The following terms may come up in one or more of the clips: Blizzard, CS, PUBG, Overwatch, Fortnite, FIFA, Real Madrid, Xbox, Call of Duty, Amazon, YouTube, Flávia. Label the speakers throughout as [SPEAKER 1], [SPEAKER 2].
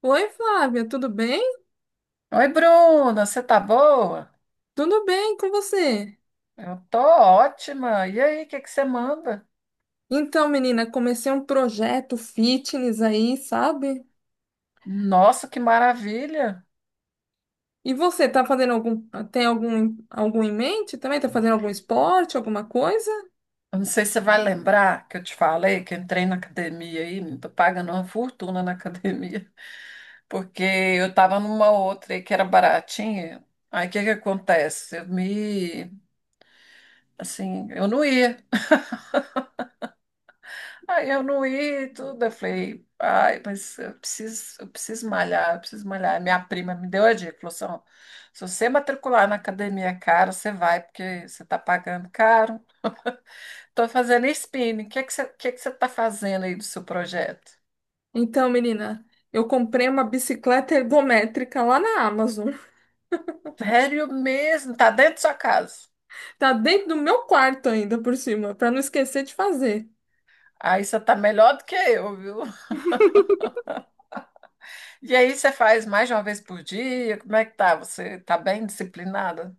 [SPEAKER 1] Oi, Flávia, tudo bem?
[SPEAKER 2] Oi, Bruna, você tá boa?
[SPEAKER 1] Tudo bem com você?
[SPEAKER 2] Eu tô ótima. E aí, o que que você manda?
[SPEAKER 1] Então, menina, comecei um projeto fitness aí, sabe?
[SPEAKER 2] Nossa, que maravilha!
[SPEAKER 1] E você, tá fazendo tem algum em mente também? Tá fazendo algum esporte, alguma coisa?
[SPEAKER 2] Eu não sei se você vai lembrar que eu te falei que eu entrei na academia aí, não tô pagando uma fortuna na academia, porque eu tava numa outra aí que era baratinha. Aí o que que acontece? Assim, eu não ia. Aí eu não ia e tudo. Eu falei, ai, mas eu preciso malhar, eu preciso malhar. Minha prima me deu a dica, falou assim, ó, se você matricular na academia cara, você vai, porque você está pagando caro. Estou fazendo spinning. O que é que você está fazendo aí do seu projeto?
[SPEAKER 1] Então, menina, eu comprei uma bicicleta ergométrica lá na Amazon.
[SPEAKER 2] Sério mesmo, tá dentro da sua casa.
[SPEAKER 1] Tá dentro do meu quarto ainda por cima, pra não esquecer de fazer.
[SPEAKER 2] Aí você tá melhor do que eu, viu? E aí você faz mais de uma vez por dia? Como é que tá? Você tá bem disciplinada?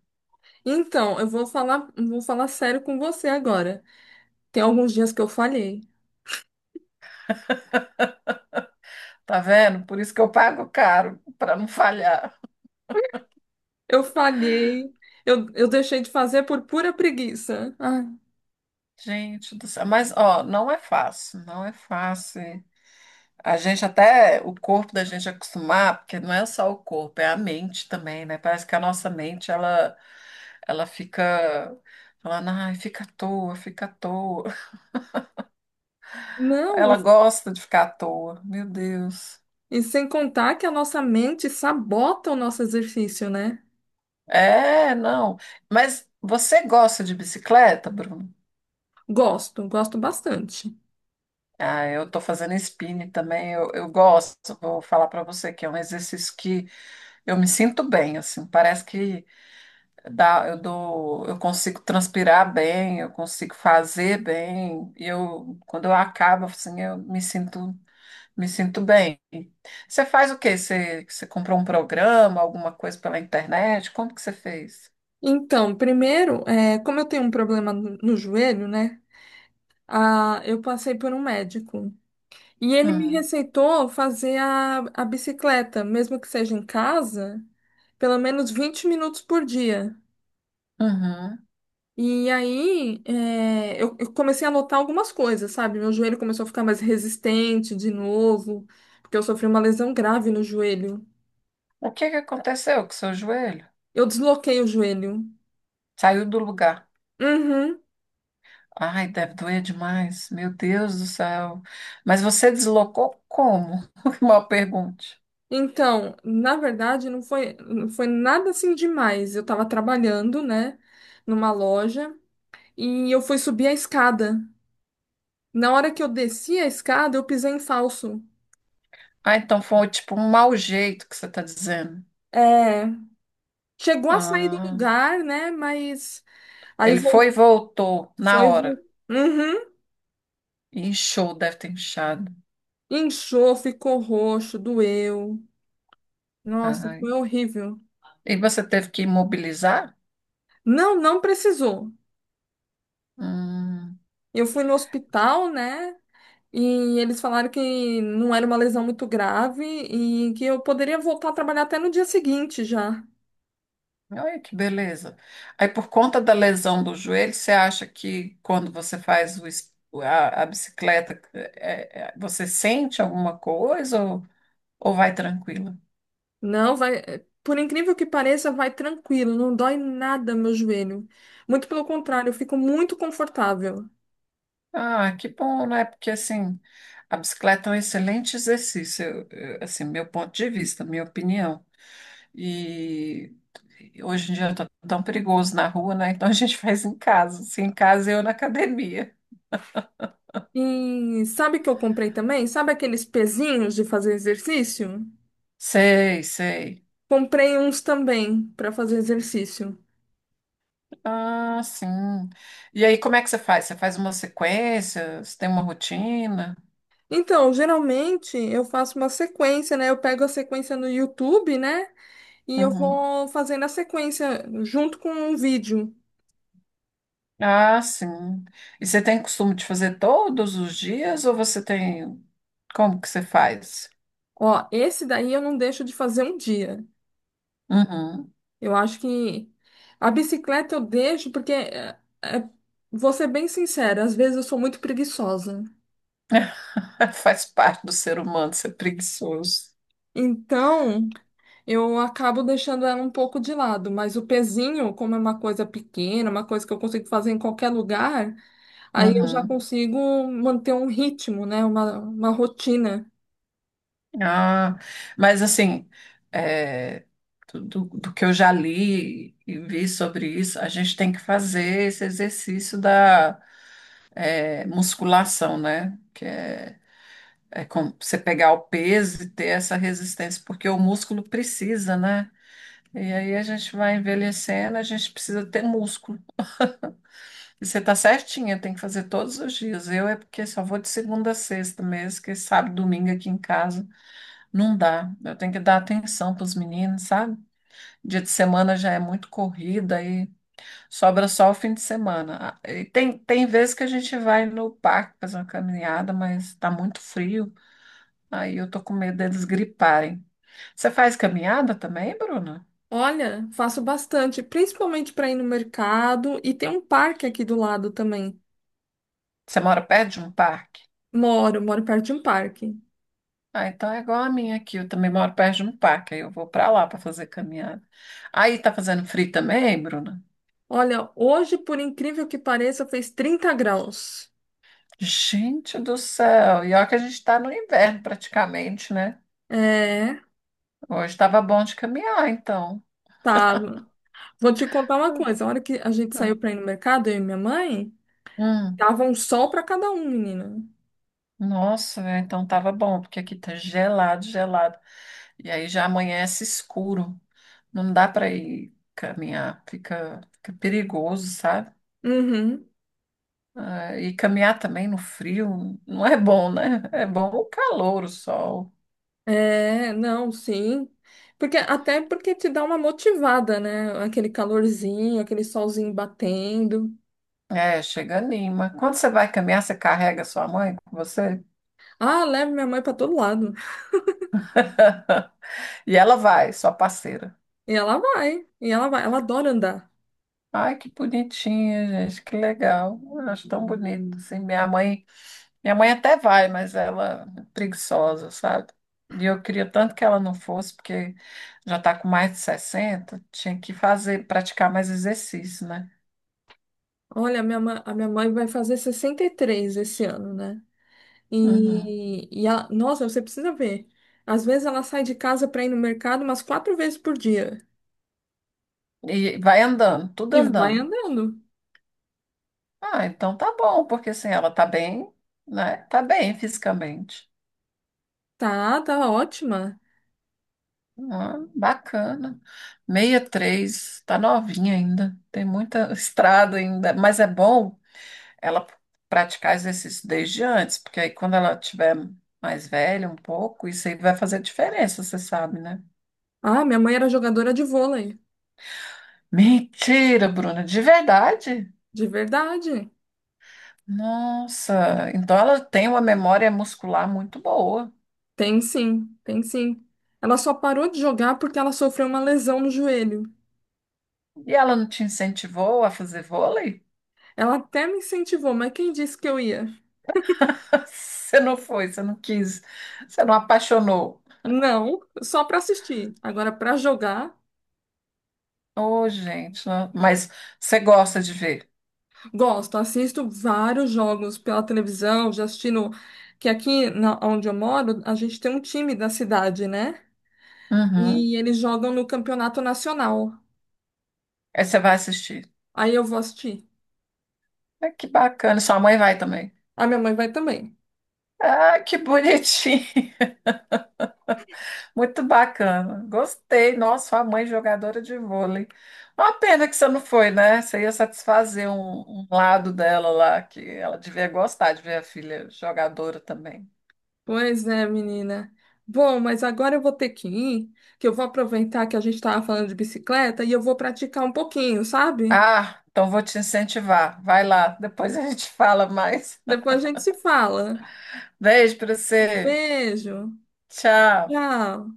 [SPEAKER 1] Então, vou falar sério com você agora. Tem alguns dias que eu falhei.
[SPEAKER 2] Tá vendo? Por isso que eu pago caro, para não falhar.
[SPEAKER 1] Eu falhei, eu deixei de fazer por pura preguiça. Ai,
[SPEAKER 2] Gente do céu, mas ó, não é fácil. A gente até, o corpo da gente acostumar, porque não é só o corpo, é a mente também, né? Parece que a nossa mente, ela fica falando, ai, fica à toa.
[SPEAKER 1] não,
[SPEAKER 2] Ela gosta de ficar à toa, meu Deus.
[SPEAKER 1] e sem contar que a nossa mente sabota o nosso exercício, né?
[SPEAKER 2] É, não. Mas você gosta de bicicleta, Bruno?
[SPEAKER 1] Gosto, gosto bastante.
[SPEAKER 2] Ah, eu tô fazendo spinning também, eu gosto. Vou falar pra você que é um exercício que eu me sinto bem, assim, parece que eu consigo transpirar bem, eu consigo fazer bem, e eu, quando eu acabo, assim, me sinto bem. Você faz o quê? Você comprou um programa, alguma coisa pela internet? Como que você fez?
[SPEAKER 1] Então, primeiro, como eu tenho um problema no joelho, né? Ah, eu passei por um médico e ele me
[SPEAKER 2] Hum,
[SPEAKER 1] receitou fazer a bicicleta, mesmo que seja em casa, pelo menos 20 minutos por dia.
[SPEAKER 2] uhum.
[SPEAKER 1] E aí, eu comecei a notar algumas coisas, sabe? Meu joelho começou a ficar mais resistente de novo, porque eu sofri uma lesão grave no joelho.
[SPEAKER 2] O que que aconteceu com o seu joelho?
[SPEAKER 1] Eu desloquei o joelho.
[SPEAKER 2] Saiu do lugar.
[SPEAKER 1] Uhum.
[SPEAKER 2] Ai, deve doer demais. Meu Deus do céu. Mas você deslocou como? Mal pergunte.
[SPEAKER 1] Então, na verdade, não foi nada assim demais. Eu tava trabalhando, né, numa loja, e eu fui subir a escada. Na hora que eu desci a escada, eu pisei em falso.
[SPEAKER 2] Ah, então foi tipo um mau jeito que você está dizendo.
[SPEAKER 1] É, chegou a sair do
[SPEAKER 2] Ah,
[SPEAKER 1] lugar, né, mas aí
[SPEAKER 2] ele foi e
[SPEAKER 1] vol-
[SPEAKER 2] voltou na
[SPEAKER 1] foi.
[SPEAKER 2] hora.
[SPEAKER 1] Uhum.
[SPEAKER 2] Inchou, deve ter inchado.
[SPEAKER 1] Inchou, ficou roxo, doeu. Nossa,
[SPEAKER 2] Ai.
[SPEAKER 1] foi horrível.
[SPEAKER 2] E você teve que imobilizar?
[SPEAKER 1] Não, não precisou.
[SPEAKER 2] Hum,
[SPEAKER 1] Eu fui no hospital, né? E eles falaram que não era uma lesão muito grave e que eu poderia voltar a trabalhar até no dia seguinte já.
[SPEAKER 2] olha que beleza. Aí, por conta da lesão do joelho, você acha que quando você faz a bicicleta, você sente alguma coisa ou vai tranquila?
[SPEAKER 1] Não, vai. Por incrível que pareça, vai tranquilo, não dói nada meu joelho. Muito pelo contrário, eu fico muito confortável.
[SPEAKER 2] Ah, que bom, né? Porque assim, a bicicleta é um excelente exercício, assim, meu ponto de vista, minha opinião. E hoje em dia tá tão perigoso na rua, né? Então a gente faz em casa. Se em casa, eu na academia.
[SPEAKER 1] E sabe o que eu comprei também? Sabe aqueles pezinhos de fazer exercício?
[SPEAKER 2] Sei, sei.
[SPEAKER 1] Comprei uns também para fazer exercício.
[SPEAKER 2] Ah, sim. E aí, como é que você faz? Você faz uma sequência? Você tem uma rotina?
[SPEAKER 1] Então, geralmente eu faço uma sequência, né? Eu pego a sequência no YouTube, né? E eu
[SPEAKER 2] Uhum.
[SPEAKER 1] vou fazendo a sequência junto com um vídeo.
[SPEAKER 2] Ah, sim. E você tem costume de fazer todos os dias ou você tem. Como que você faz?
[SPEAKER 1] Ó, esse daí eu não deixo de fazer um dia.
[SPEAKER 2] Uhum.
[SPEAKER 1] Eu acho que a bicicleta eu deixo porque, vou ser bem sincera, às vezes eu sou muito preguiçosa.
[SPEAKER 2] Faz parte do ser humano ser preguiçoso.
[SPEAKER 1] Então, eu acabo deixando ela um pouco de lado, mas o pezinho, como é uma coisa pequena, uma coisa que eu consigo fazer em qualquer lugar. Aí eu já
[SPEAKER 2] Uhum.
[SPEAKER 1] consigo manter um ritmo, né? Uma rotina.
[SPEAKER 2] Ah, mas assim, é, do que eu já li e vi sobre isso, a gente tem que fazer esse exercício da é, musculação, né? É você pegar o peso e ter essa resistência, porque o músculo precisa, né? E aí a gente vai envelhecendo, a gente precisa ter músculo. E você tá certinha, tem que fazer todos os dias. Eu é porque só vou de segunda a sexta mesmo, que sábado, domingo aqui em casa. Não dá. Eu tenho que dar atenção para os meninos, sabe? Dia de semana já é muito corrida e sobra só o fim de semana. Ah, e tem vezes que a gente vai no parque fazer uma caminhada, mas está muito frio. Aí eu tô com medo deles griparem. Você faz caminhada também, Bruna?
[SPEAKER 1] Olha, faço bastante, principalmente para ir no mercado e tem um parque aqui do lado também.
[SPEAKER 2] Você mora perto de um parque?
[SPEAKER 1] Moro, moro perto de um parque.
[SPEAKER 2] Ah, então é igual a minha aqui. Eu também moro perto de um parque. Aí eu vou para lá para fazer caminhada. Aí tá fazendo frio também, Bruna?
[SPEAKER 1] Olha, hoje, por incrível que pareça, fez 30 graus.
[SPEAKER 2] Gente do céu. E olha que a gente tá no inverno praticamente, né?
[SPEAKER 1] É,
[SPEAKER 2] Hoje estava bom de caminhar, então.
[SPEAKER 1] tá. Vou te contar uma coisa. A hora que a gente saiu para ir no mercado, eu e minha mãe,
[SPEAKER 2] Hum,
[SPEAKER 1] tava um sol para cada um, menina.
[SPEAKER 2] nossa, é, então tava bom, porque aqui tá gelado, gelado. E aí já amanhece escuro. Não dá para ir caminhar, fica perigoso, sabe?
[SPEAKER 1] Uhum.
[SPEAKER 2] Ah, e caminhar também no frio não é bom, né? É bom o calor, o sol.
[SPEAKER 1] É, não, sim. Porque até porque te dá uma motivada, né? Aquele calorzinho, aquele solzinho batendo.
[SPEAKER 2] É, chega anima. Quando você vai caminhar, você carrega sua mãe com você?
[SPEAKER 1] Ah, leve minha mãe para todo lado.
[SPEAKER 2] E ela vai, sua parceira.
[SPEAKER 1] E ela vai, ela adora andar.
[SPEAKER 2] Ai, que bonitinho, gente, que legal. Eu acho tão bonito, assim. Minha mãe até vai, mas ela é preguiçosa, sabe? E eu queria tanto que ela não fosse, porque já está com mais de 60 tinha que fazer, praticar mais exercício, né?
[SPEAKER 1] Olha, a minha mãe vai fazer 63 esse ano, né?
[SPEAKER 2] Uhum.
[SPEAKER 1] E ela, nossa, você precisa ver. Às vezes ela sai de casa para ir no mercado umas 4 vezes por dia
[SPEAKER 2] E vai andando, tudo
[SPEAKER 1] e vai
[SPEAKER 2] andando.
[SPEAKER 1] andando.
[SPEAKER 2] Ah, então tá bom, porque assim, ela tá bem, né? Tá bem fisicamente.
[SPEAKER 1] Tá, tá ótima.
[SPEAKER 2] Ah, bacana. 63 tá novinha ainda, tem muita estrada ainda, mas é bom ela praticar exercício desde antes, porque aí quando ela tiver mais velha um pouco, isso aí vai fazer diferença, você sabe, né?
[SPEAKER 1] Ah, minha mãe era jogadora de vôlei,
[SPEAKER 2] Mentira, Bruna, de verdade?
[SPEAKER 1] de verdade.
[SPEAKER 2] Nossa, então ela tem uma memória muscular muito boa.
[SPEAKER 1] Tem sim, tem sim. Ela só parou de jogar porque ela sofreu uma lesão no joelho.
[SPEAKER 2] E ela não te incentivou a fazer vôlei?
[SPEAKER 1] Ela até me incentivou, mas quem disse que eu ia?
[SPEAKER 2] Você não foi, você não quis, você não apaixonou.
[SPEAKER 1] Não, só para assistir. Agora, para jogar,
[SPEAKER 2] Ô, gente, não- mas você gosta de ver.
[SPEAKER 1] gosto. Assisto vários jogos pela televisão, já assisti no... Que aqui, na... onde eu moro, a gente tem um time da cidade, né?
[SPEAKER 2] Uhum.
[SPEAKER 1] E eles jogam no campeonato nacional.
[SPEAKER 2] Aí você vai assistir.
[SPEAKER 1] Aí eu vou assistir.
[SPEAKER 2] Ah, que bacana, sua mãe vai também.
[SPEAKER 1] A minha mãe vai também.
[SPEAKER 2] Ah, que bonitinho. Muito bacana. Gostei. Nossa, sua mãe jogadora de vôlei. Uma pena que você não foi, né? Você ia satisfazer um lado dela lá, que ela devia gostar de ver a filha jogadora também.
[SPEAKER 1] Pois é, menina. Bom, mas agora eu vou ter que ir, que eu vou aproveitar que a gente estava falando de bicicleta e eu vou praticar um pouquinho, sabe?
[SPEAKER 2] Ah, então vou te incentivar. Vai lá, depois a gente fala mais.
[SPEAKER 1] Depois a gente se fala.
[SPEAKER 2] Beijo pra você.
[SPEAKER 1] Beijo.
[SPEAKER 2] Tchau.
[SPEAKER 1] Tchau.